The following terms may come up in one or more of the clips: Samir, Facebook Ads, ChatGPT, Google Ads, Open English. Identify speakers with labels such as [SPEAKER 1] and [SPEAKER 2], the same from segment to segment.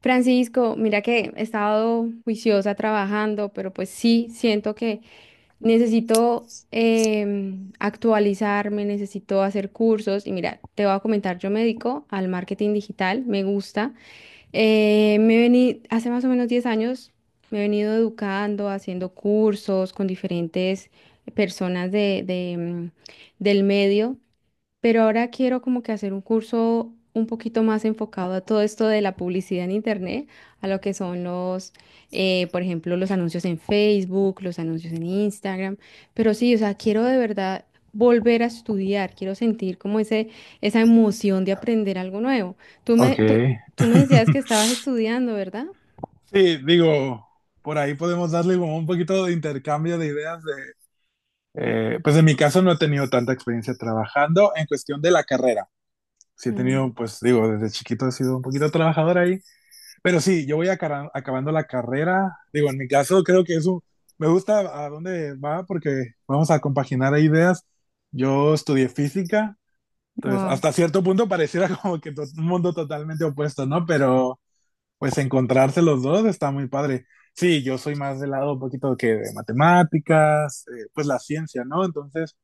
[SPEAKER 1] Francisco, mira que he estado juiciosa trabajando, pero pues sí, siento que necesito actualizarme, necesito hacer cursos y mira, te voy a comentar, yo me dedico al marketing digital, me gusta. Me vení, hace más o menos 10 años me he venido educando, haciendo cursos con diferentes personas de del medio, pero ahora quiero como que hacer un curso un poquito más enfocado a todo esto de la publicidad en internet, a lo que son los, por ejemplo, los anuncios en Facebook, los anuncios en Instagram, pero sí, o sea, quiero de verdad volver a estudiar, quiero sentir como esa emoción de aprender algo nuevo. Tú me,
[SPEAKER 2] Ok.
[SPEAKER 1] tú, Tú me decías que estabas estudiando, ¿verdad?
[SPEAKER 2] Sí, digo, por ahí podemos darle como un poquito de intercambio de ideas de, pues en mi caso no he tenido tanta experiencia trabajando en cuestión de la carrera. Sí he tenido, pues digo, desde chiquito he sido un poquito trabajador ahí, pero sí, yo voy acabando la carrera. Digo, en mi caso creo que eso me gusta a dónde va porque vamos a compaginar ahí ideas. Yo estudié física, entonces
[SPEAKER 1] Wow.
[SPEAKER 2] hasta cierto punto pareciera como que un mundo totalmente opuesto, ¿no? Pero pues encontrarse los dos está muy padre. Sí, yo soy más del lado un poquito que de matemáticas, pues la ciencia, ¿no? Entonces,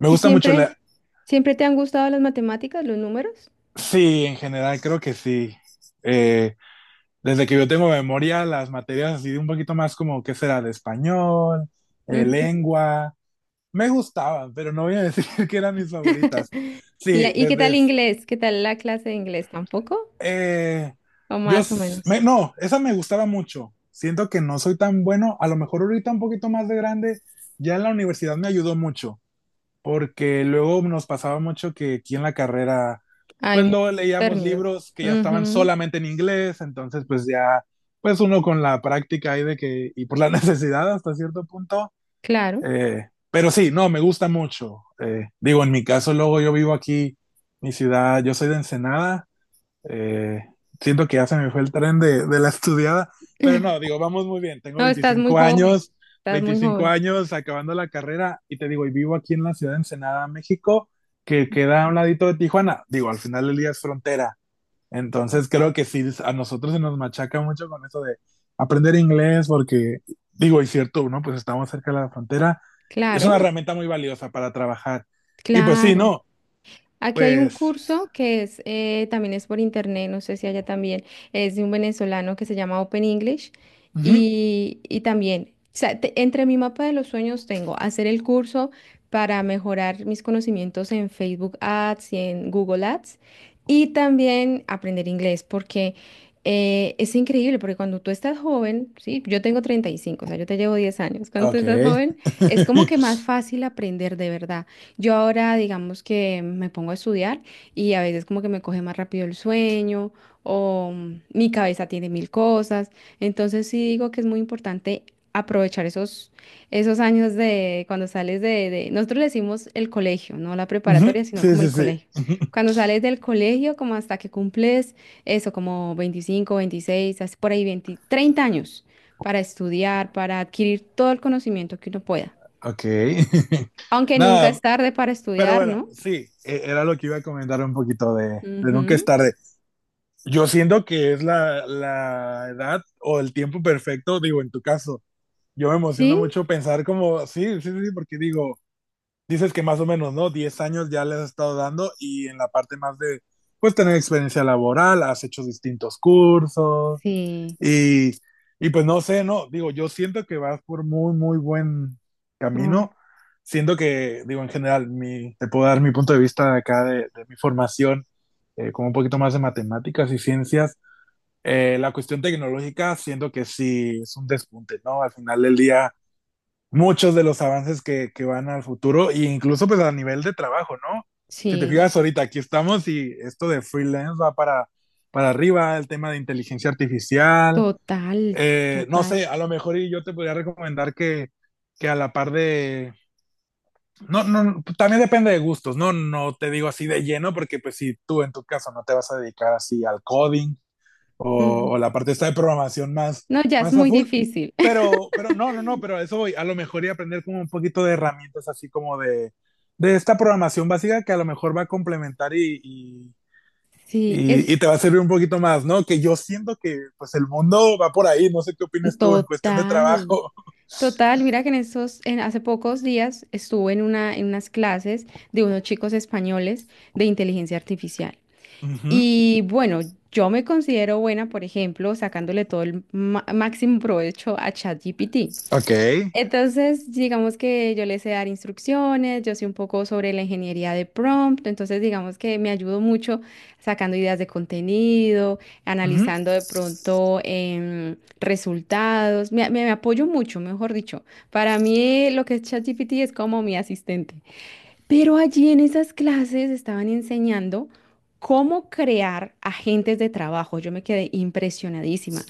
[SPEAKER 2] me
[SPEAKER 1] ¿Y
[SPEAKER 2] gusta mucho la.
[SPEAKER 1] siempre te han gustado las matemáticas, los números?
[SPEAKER 2] Sí, en general creo que sí. Eh, Desde que yo tengo memoria, las materias así de un poquito más como, ¿qué será? De español, lengua. Me gustaban, pero no voy a decir que eran mis favoritas. Sí,
[SPEAKER 1] ¿Y qué tal
[SPEAKER 2] desde
[SPEAKER 1] inglés? ¿Qué tal la clase de inglés? ¿Tampoco?
[SPEAKER 2] eh,
[SPEAKER 1] ¿O
[SPEAKER 2] yo,
[SPEAKER 1] más o
[SPEAKER 2] s-
[SPEAKER 1] menos?
[SPEAKER 2] me- no, esa me gustaba mucho. Siento que no soy tan bueno. A lo mejor ahorita un poquito más de grande, ya en la universidad me ayudó mucho, porque luego nos pasaba mucho que aquí en la carrera,
[SPEAKER 1] Hay
[SPEAKER 2] pues
[SPEAKER 1] muchos
[SPEAKER 2] luego leíamos
[SPEAKER 1] términos.
[SPEAKER 2] libros que ya estaban
[SPEAKER 1] Ujú.
[SPEAKER 2] solamente en inglés, entonces pues ya, pues uno con la práctica ahí de que, y por la necesidad hasta cierto punto,
[SPEAKER 1] Claro.
[SPEAKER 2] pero sí, no, me gusta mucho. Digo, en mi caso luego yo vivo aquí, mi ciudad, yo soy de Ensenada. Eh, Siento que ya se me fue el tren de, la estudiada, pero no, digo, vamos muy bien. Tengo
[SPEAKER 1] No, estás muy
[SPEAKER 2] 25
[SPEAKER 1] joven.
[SPEAKER 2] años,
[SPEAKER 1] Estás muy
[SPEAKER 2] 25
[SPEAKER 1] joven.
[SPEAKER 2] años acabando la carrera y te digo, y vivo aquí en la ciudad de Ensenada, México, que queda a un ladito de Tijuana. Digo, al final del día es frontera. Entonces creo que sí, a nosotros se nos machaca mucho con eso de aprender inglés, porque digo, y cierto, ¿no? Pues estamos cerca de la frontera. Es
[SPEAKER 1] Claro,
[SPEAKER 2] una herramienta muy valiosa para trabajar. Y pues sí,
[SPEAKER 1] claro.
[SPEAKER 2] no,
[SPEAKER 1] Aquí hay un
[SPEAKER 2] pues.
[SPEAKER 1] curso que es también es por internet, no sé si allá también, es de un venezolano que se llama Open English
[SPEAKER 2] Ujú,
[SPEAKER 1] y también, o sea, entre mi mapa de los sueños tengo hacer el curso para mejorar mis conocimientos en Facebook Ads y en Google Ads, y también aprender inglés porque es increíble porque cuando tú estás joven, sí, yo tengo 35, o sea, yo te llevo 10 años, cuando tú
[SPEAKER 2] ok.
[SPEAKER 1] estás joven es como que más fácil aprender de verdad. Yo ahora, digamos que me pongo a estudiar y a veces como que me coge más rápido el sueño o mi cabeza tiene mil cosas. Entonces sí digo que es muy importante aprovechar esos, esos años de cuando sales nosotros le decimos el colegio, no la
[SPEAKER 2] Ujú,
[SPEAKER 1] preparatoria, sino
[SPEAKER 2] sí,
[SPEAKER 1] como
[SPEAKER 2] sí,
[SPEAKER 1] el
[SPEAKER 2] sí.
[SPEAKER 1] colegio. Cuando sales del colegio, como hasta que cumples eso, como 25, 26, así por ahí 20, 30 años, para estudiar, para adquirir todo el conocimiento que uno pueda.
[SPEAKER 2] Ok.
[SPEAKER 1] Aunque nunca
[SPEAKER 2] Nada,
[SPEAKER 1] es tarde para
[SPEAKER 2] pero
[SPEAKER 1] estudiar,
[SPEAKER 2] bueno,
[SPEAKER 1] ¿no?
[SPEAKER 2] sí, era lo que iba a comentar un poquito de nunca es
[SPEAKER 1] Ujú.
[SPEAKER 2] tarde. Yo siento que es la edad o el tiempo perfecto, digo, en tu caso. Yo me emociona
[SPEAKER 1] Sí,
[SPEAKER 2] mucho pensar como, sí, sí, sí, porque digo, dices que más o menos, ¿no? 10 años ya les has estado dando y en la parte más de, pues, tener experiencia laboral, has hecho distintos cursos,
[SPEAKER 1] sí,
[SPEAKER 2] Y, pues no sé, no, digo, yo siento que vas por muy, muy buen
[SPEAKER 1] ah,
[SPEAKER 2] camino. Siento que, digo, en general, te puedo dar mi punto de vista de acá de, mi formación, como un poquito más de matemáticas y ciencias. La cuestión tecnológica, siento que sí es un despunte, ¿no? Al final del día, muchos de los avances que van al futuro, e incluso pues a nivel de trabajo, ¿no? Si te
[SPEAKER 1] sí,
[SPEAKER 2] fijas ahorita, aquí estamos y esto de freelance va para, arriba, el tema de inteligencia artificial,
[SPEAKER 1] total,
[SPEAKER 2] no
[SPEAKER 1] total.
[SPEAKER 2] sé, a lo mejor y yo te podría recomendar que, a la par de. No, no, también depende de gustos, ¿no? No te digo así de lleno, porque pues si tú en tu caso no te vas a dedicar así al coding
[SPEAKER 1] Ujú.
[SPEAKER 2] o la parte esta de programación
[SPEAKER 1] No, ya es
[SPEAKER 2] más a
[SPEAKER 1] muy
[SPEAKER 2] full,
[SPEAKER 1] difícil.
[SPEAKER 2] pero, no, no, no, pero a eso voy, a lo mejor y aprender como un poquito de herramientas así como de, esta programación básica que a lo mejor va a complementar y, y
[SPEAKER 1] Sí,
[SPEAKER 2] y,
[SPEAKER 1] es
[SPEAKER 2] y te va a servir un poquito más, ¿no? Que yo siento que pues el mundo va por ahí, no sé qué opinas tú en cuestión de
[SPEAKER 1] total,
[SPEAKER 2] trabajo.
[SPEAKER 1] total. Mira que en estos, en hace pocos días estuve en una, en unas clases de unos chicos españoles de inteligencia artificial.
[SPEAKER 2] Ujú,
[SPEAKER 1] Y bueno, yo me considero buena, por ejemplo, sacándole todo el máximo provecho a ChatGPT.
[SPEAKER 2] ok.
[SPEAKER 1] Entonces, digamos que yo le sé dar instrucciones, yo sé un poco sobre la ingeniería de prompt, entonces digamos que me ayudo mucho sacando ideas de contenido,
[SPEAKER 2] Ujú.
[SPEAKER 1] analizando de pronto resultados, me apoyo mucho, mejor dicho. Para mí lo que es ChatGPT es como mi asistente. Pero allí en esas clases estaban enseñando cómo crear agentes de trabajo. Yo me quedé impresionadísima.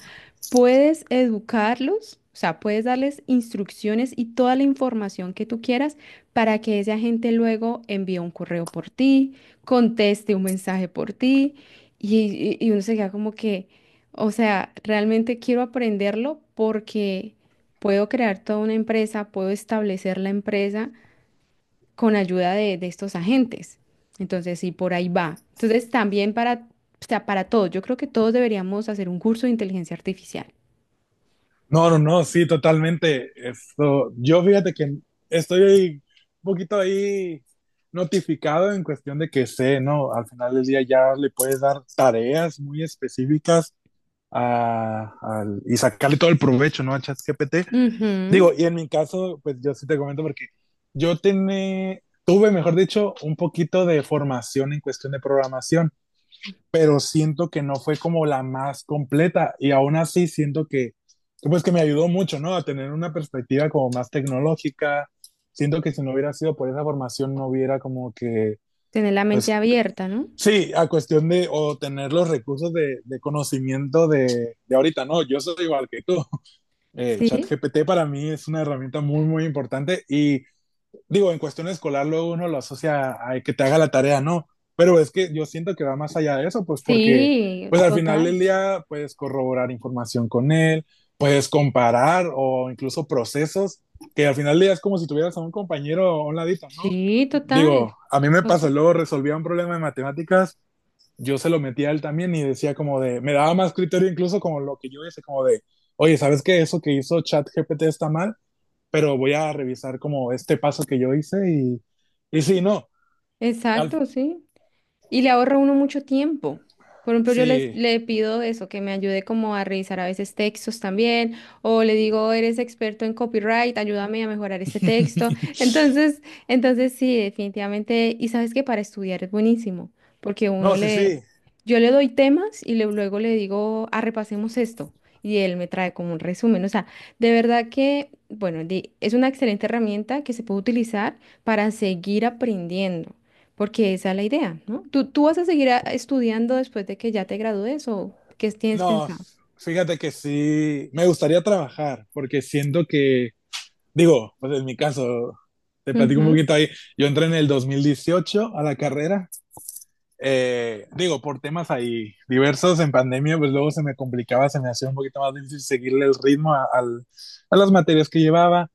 [SPEAKER 1] Puedes educarlos, o sea, puedes darles instrucciones y toda la información que tú quieras para que ese agente luego envíe un correo por ti, conteste un mensaje por ti y uno se queda como que, o sea, realmente quiero aprenderlo porque puedo crear toda una empresa, puedo establecer la empresa con ayuda de estos agentes. Entonces, sí, por ahí va. Entonces, también para, o sea, para todos, yo creo que todos deberíamos hacer un curso de inteligencia artificial.
[SPEAKER 2] No, no, no, sí, totalmente. Esto, yo fíjate que estoy un poquito ahí notificado en cuestión de que sé, ¿no? Al final del día ya le puedes dar tareas muy específicas y sacarle todo el provecho, ¿no? A ChatGPT.
[SPEAKER 1] Ujú.
[SPEAKER 2] Digo, y en mi caso, pues yo sí te comento porque yo tuve, mejor dicho, un poquito de formación en cuestión de programación, pero siento que no fue como la más completa y aún así siento que, pues que me ayudó mucho, ¿no? A tener una perspectiva como más tecnológica. Siento que si no hubiera sido por esa formación, no hubiera como que,
[SPEAKER 1] Tener la mente
[SPEAKER 2] pues
[SPEAKER 1] abierta, ¿no?
[SPEAKER 2] sí, a cuestión de o tener los recursos de, conocimiento de, ahorita, ¿no? Yo soy igual que tú.
[SPEAKER 1] Sí,
[SPEAKER 2] ChatGPT para mí es una herramienta muy, muy importante y digo, en cuestión escolar luego uno lo asocia a que te haga la tarea, no, pero es que yo siento que va más allá de eso, pues porque
[SPEAKER 1] sí,
[SPEAKER 2] pues al final del
[SPEAKER 1] total.
[SPEAKER 2] día puedes corroborar información con él, puedes comparar o incluso procesos, que al final del día es como si tuvieras a un compañero a un ladito, ¿no?
[SPEAKER 1] Sí, total.
[SPEAKER 2] Digo, a mí me pasó,
[SPEAKER 1] Total.
[SPEAKER 2] luego resolvía un problema de matemáticas yo se lo metía a él también y decía como de, me daba más criterio incluso como lo que yo hice, como de, oye, ¿sabes qué? Eso que hizo ChatGPT está mal, pero voy a revisar como este paso que yo hice y sí, no, al,
[SPEAKER 1] Exacto, sí. Y le ahorra a uno mucho tiempo. Por ejemplo,
[SPEAKER 2] sí,
[SPEAKER 1] le pido eso, que me ayude como a revisar a veces textos también, o le digo, eres experto en copyright, ayúdame a mejorar este texto. Entonces, entonces sí, definitivamente, y sabes que para estudiar es buenísimo, porque
[SPEAKER 2] no,
[SPEAKER 1] uno
[SPEAKER 2] sí, sí,
[SPEAKER 1] le, yo le doy temas luego le digo, ah, repasemos esto, y él me trae como un resumen. O sea, de verdad que, bueno, es una excelente herramienta que se puede utilizar para seguir aprendiendo. Porque esa es la idea, ¿no? ¿Tú vas a seguir estudiando después de que ya te gradúes o qué tienes
[SPEAKER 2] no,
[SPEAKER 1] pensado?
[SPEAKER 2] fíjate que sí, me gustaría trabajar porque siento que, digo, pues en mi caso, te platico un
[SPEAKER 1] Ujú,
[SPEAKER 2] poquito ahí, yo entré en el 2018 a la carrera, digo, por temas ahí diversos en pandemia, pues luego se me complicaba, se me hacía un poquito más difícil seguirle el ritmo a las materias que llevaba,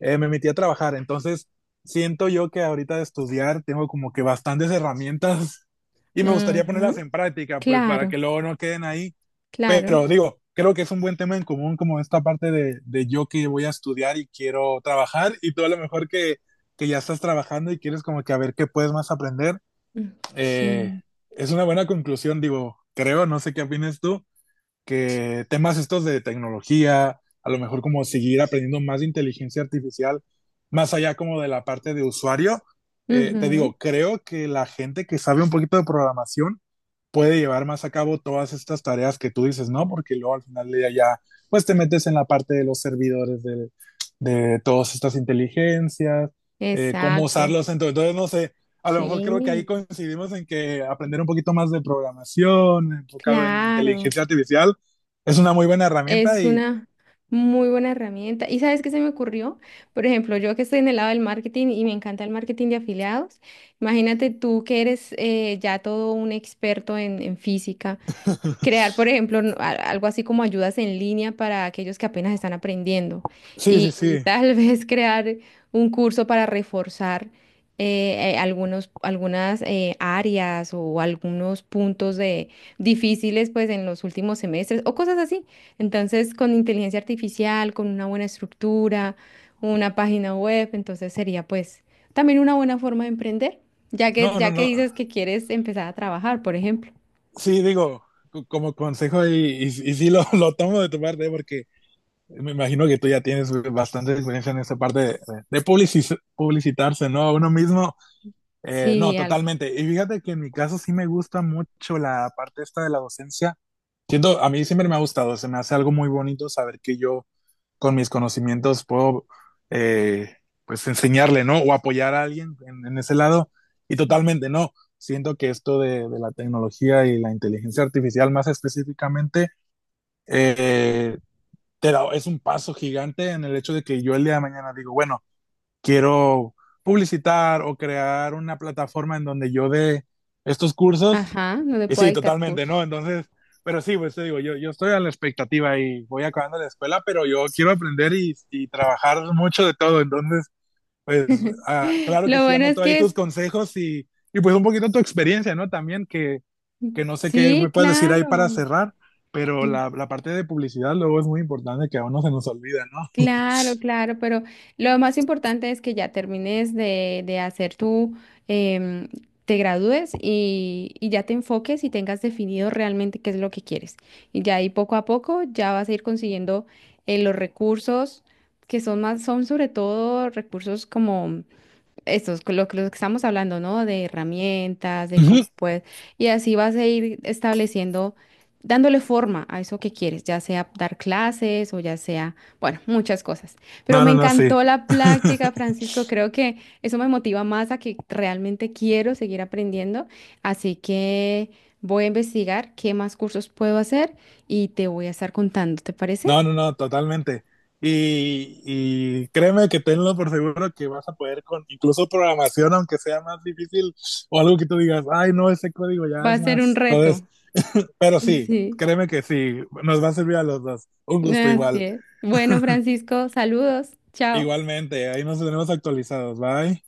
[SPEAKER 2] me metí a trabajar, entonces siento yo que ahorita de estudiar tengo como que bastantes herramientas y me gustaría ponerlas
[SPEAKER 1] ujú.
[SPEAKER 2] en práctica, pues para
[SPEAKER 1] Claro,
[SPEAKER 2] que luego no queden ahí,
[SPEAKER 1] claro.
[SPEAKER 2] pero digo, creo que es un buen tema en común como esta parte de yo que voy a estudiar y quiero trabajar y tú a lo mejor que, ya estás trabajando y quieres como que a ver qué puedes más aprender,
[SPEAKER 1] Mm.
[SPEAKER 2] eh,
[SPEAKER 1] Sí.
[SPEAKER 2] es una buena conclusión, digo, creo, no sé qué opinas tú, que temas estos de tecnología, a lo mejor como seguir aprendiendo más de inteligencia artificial, más allá como de la parte de usuario, te
[SPEAKER 1] Ujú.
[SPEAKER 2] digo, creo que la gente que sabe un poquito de programación puede llevar más a cabo todas estas tareas que tú dices, ¿no? Porque luego al final del día ya, pues te metes en la parte de los servidores de, todas estas inteligencias, cómo
[SPEAKER 1] Exacto.
[SPEAKER 2] usarlos. Entonces, no sé, a lo mejor creo que ahí
[SPEAKER 1] Sí,
[SPEAKER 2] coincidimos en que aprender un poquito más de programación, enfocado en
[SPEAKER 1] claro.
[SPEAKER 2] inteligencia artificial, es una muy buena herramienta
[SPEAKER 1] Es
[SPEAKER 2] y
[SPEAKER 1] una muy buena herramienta. ¿Y sabes qué se me ocurrió? Por ejemplo, yo que estoy en el lado del marketing y me encanta el marketing de afiliados. Imagínate tú que eres ya todo un experto en física. Crear, por ejemplo, algo así como ayudas en línea para aquellos que apenas están aprendiendo
[SPEAKER 2] sí, sí,
[SPEAKER 1] y
[SPEAKER 2] sí.
[SPEAKER 1] tal vez crear un curso para reforzar algunos, algunas áreas o algunos puntos de, difíciles pues en los últimos semestres o cosas así. Entonces, con inteligencia artificial, con una buena estructura, una página web, entonces sería pues también una buena forma de emprender,
[SPEAKER 2] No, no,
[SPEAKER 1] ya que
[SPEAKER 2] no.
[SPEAKER 1] dices que quieres empezar a trabajar, por ejemplo.
[SPEAKER 2] Sí, digo, como consejo y sí lo, lo, tomo de tu parte porque me imagino que tú ya tienes bastante experiencia en esa parte de, publicitarse, ¿no? A uno mismo. No,
[SPEAKER 1] Sí, algo.
[SPEAKER 2] totalmente. Y fíjate que en mi caso sí me gusta mucho la parte esta de la docencia. Siento, a mí siempre me ha gustado, se me hace algo muy bonito saber que yo con mis conocimientos puedo eh, pues enseñarle, ¿no? O apoyar a alguien en ese lado. Y totalmente, no. Siento que esto de, la tecnología y la inteligencia artificial más específicamente, eh, te da, es un paso gigante en el hecho de que yo el día de mañana digo, bueno, quiero publicitar o crear una plataforma en donde yo dé estos cursos.
[SPEAKER 1] Ajá, no le
[SPEAKER 2] Y
[SPEAKER 1] puedo
[SPEAKER 2] sí,
[SPEAKER 1] dictar
[SPEAKER 2] totalmente, ¿no?
[SPEAKER 1] cursos.
[SPEAKER 2] Entonces, pero sí, pues te digo, yo estoy a la expectativa y voy acabando la escuela, pero yo quiero aprender y trabajar mucho de todo. Entonces, pues ah, claro que
[SPEAKER 1] Lo
[SPEAKER 2] sí,
[SPEAKER 1] bueno es
[SPEAKER 2] anoto ahí
[SPEAKER 1] que
[SPEAKER 2] tus
[SPEAKER 1] es,
[SPEAKER 2] consejos y pues un poquito tu experiencia, ¿no? También que no sé qué
[SPEAKER 1] sí,
[SPEAKER 2] me puedes decir ahí para
[SPEAKER 1] claro,
[SPEAKER 2] cerrar, pero
[SPEAKER 1] sí,
[SPEAKER 2] la parte de publicidad luego es muy importante que a uno se nos olvida, ¿no?
[SPEAKER 1] claro, claro, pero lo más importante es que ya termines de hacer tu, em, te gradúes y ya te enfoques y tengas definido realmente qué es lo que quieres. Y ya ahí poco a poco ya vas a ir consiguiendo los recursos que son más, son sobre todo recursos como esto es lo que estamos hablando, ¿no? De herramientas, de cómo
[SPEAKER 2] Ujú.
[SPEAKER 1] puedes. Y así vas a ir estableciendo, dándole forma a eso que quieres, ya sea dar clases o ya sea, bueno, muchas cosas. Pero
[SPEAKER 2] No,
[SPEAKER 1] me
[SPEAKER 2] no, no, sí.
[SPEAKER 1] encantó la práctica, Francisco. Creo que eso me motiva más a que realmente quiero seguir aprendiendo. Así que voy a investigar qué más cursos puedo hacer y te voy a estar contando, ¿te parece?
[SPEAKER 2] No, no, no, totalmente. Y créeme que tenlo por seguro que vas a poder con incluso programación, aunque sea más difícil o algo que tú digas, ay, no, ese código ya
[SPEAKER 1] Va a
[SPEAKER 2] es
[SPEAKER 1] ser un
[SPEAKER 2] más.
[SPEAKER 1] reto.
[SPEAKER 2] Entonces, pero sí,
[SPEAKER 1] Sí.
[SPEAKER 2] créeme que sí, nos va a servir a los dos. Un gusto
[SPEAKER 1] Así
[SPEAKER 2] igual.
[SPEAKER 1] es. Bueno, Francisco, saludos. Chao.
[SPEAKER 2] Igualmente, ahí nos tenemos actualizados. Bye.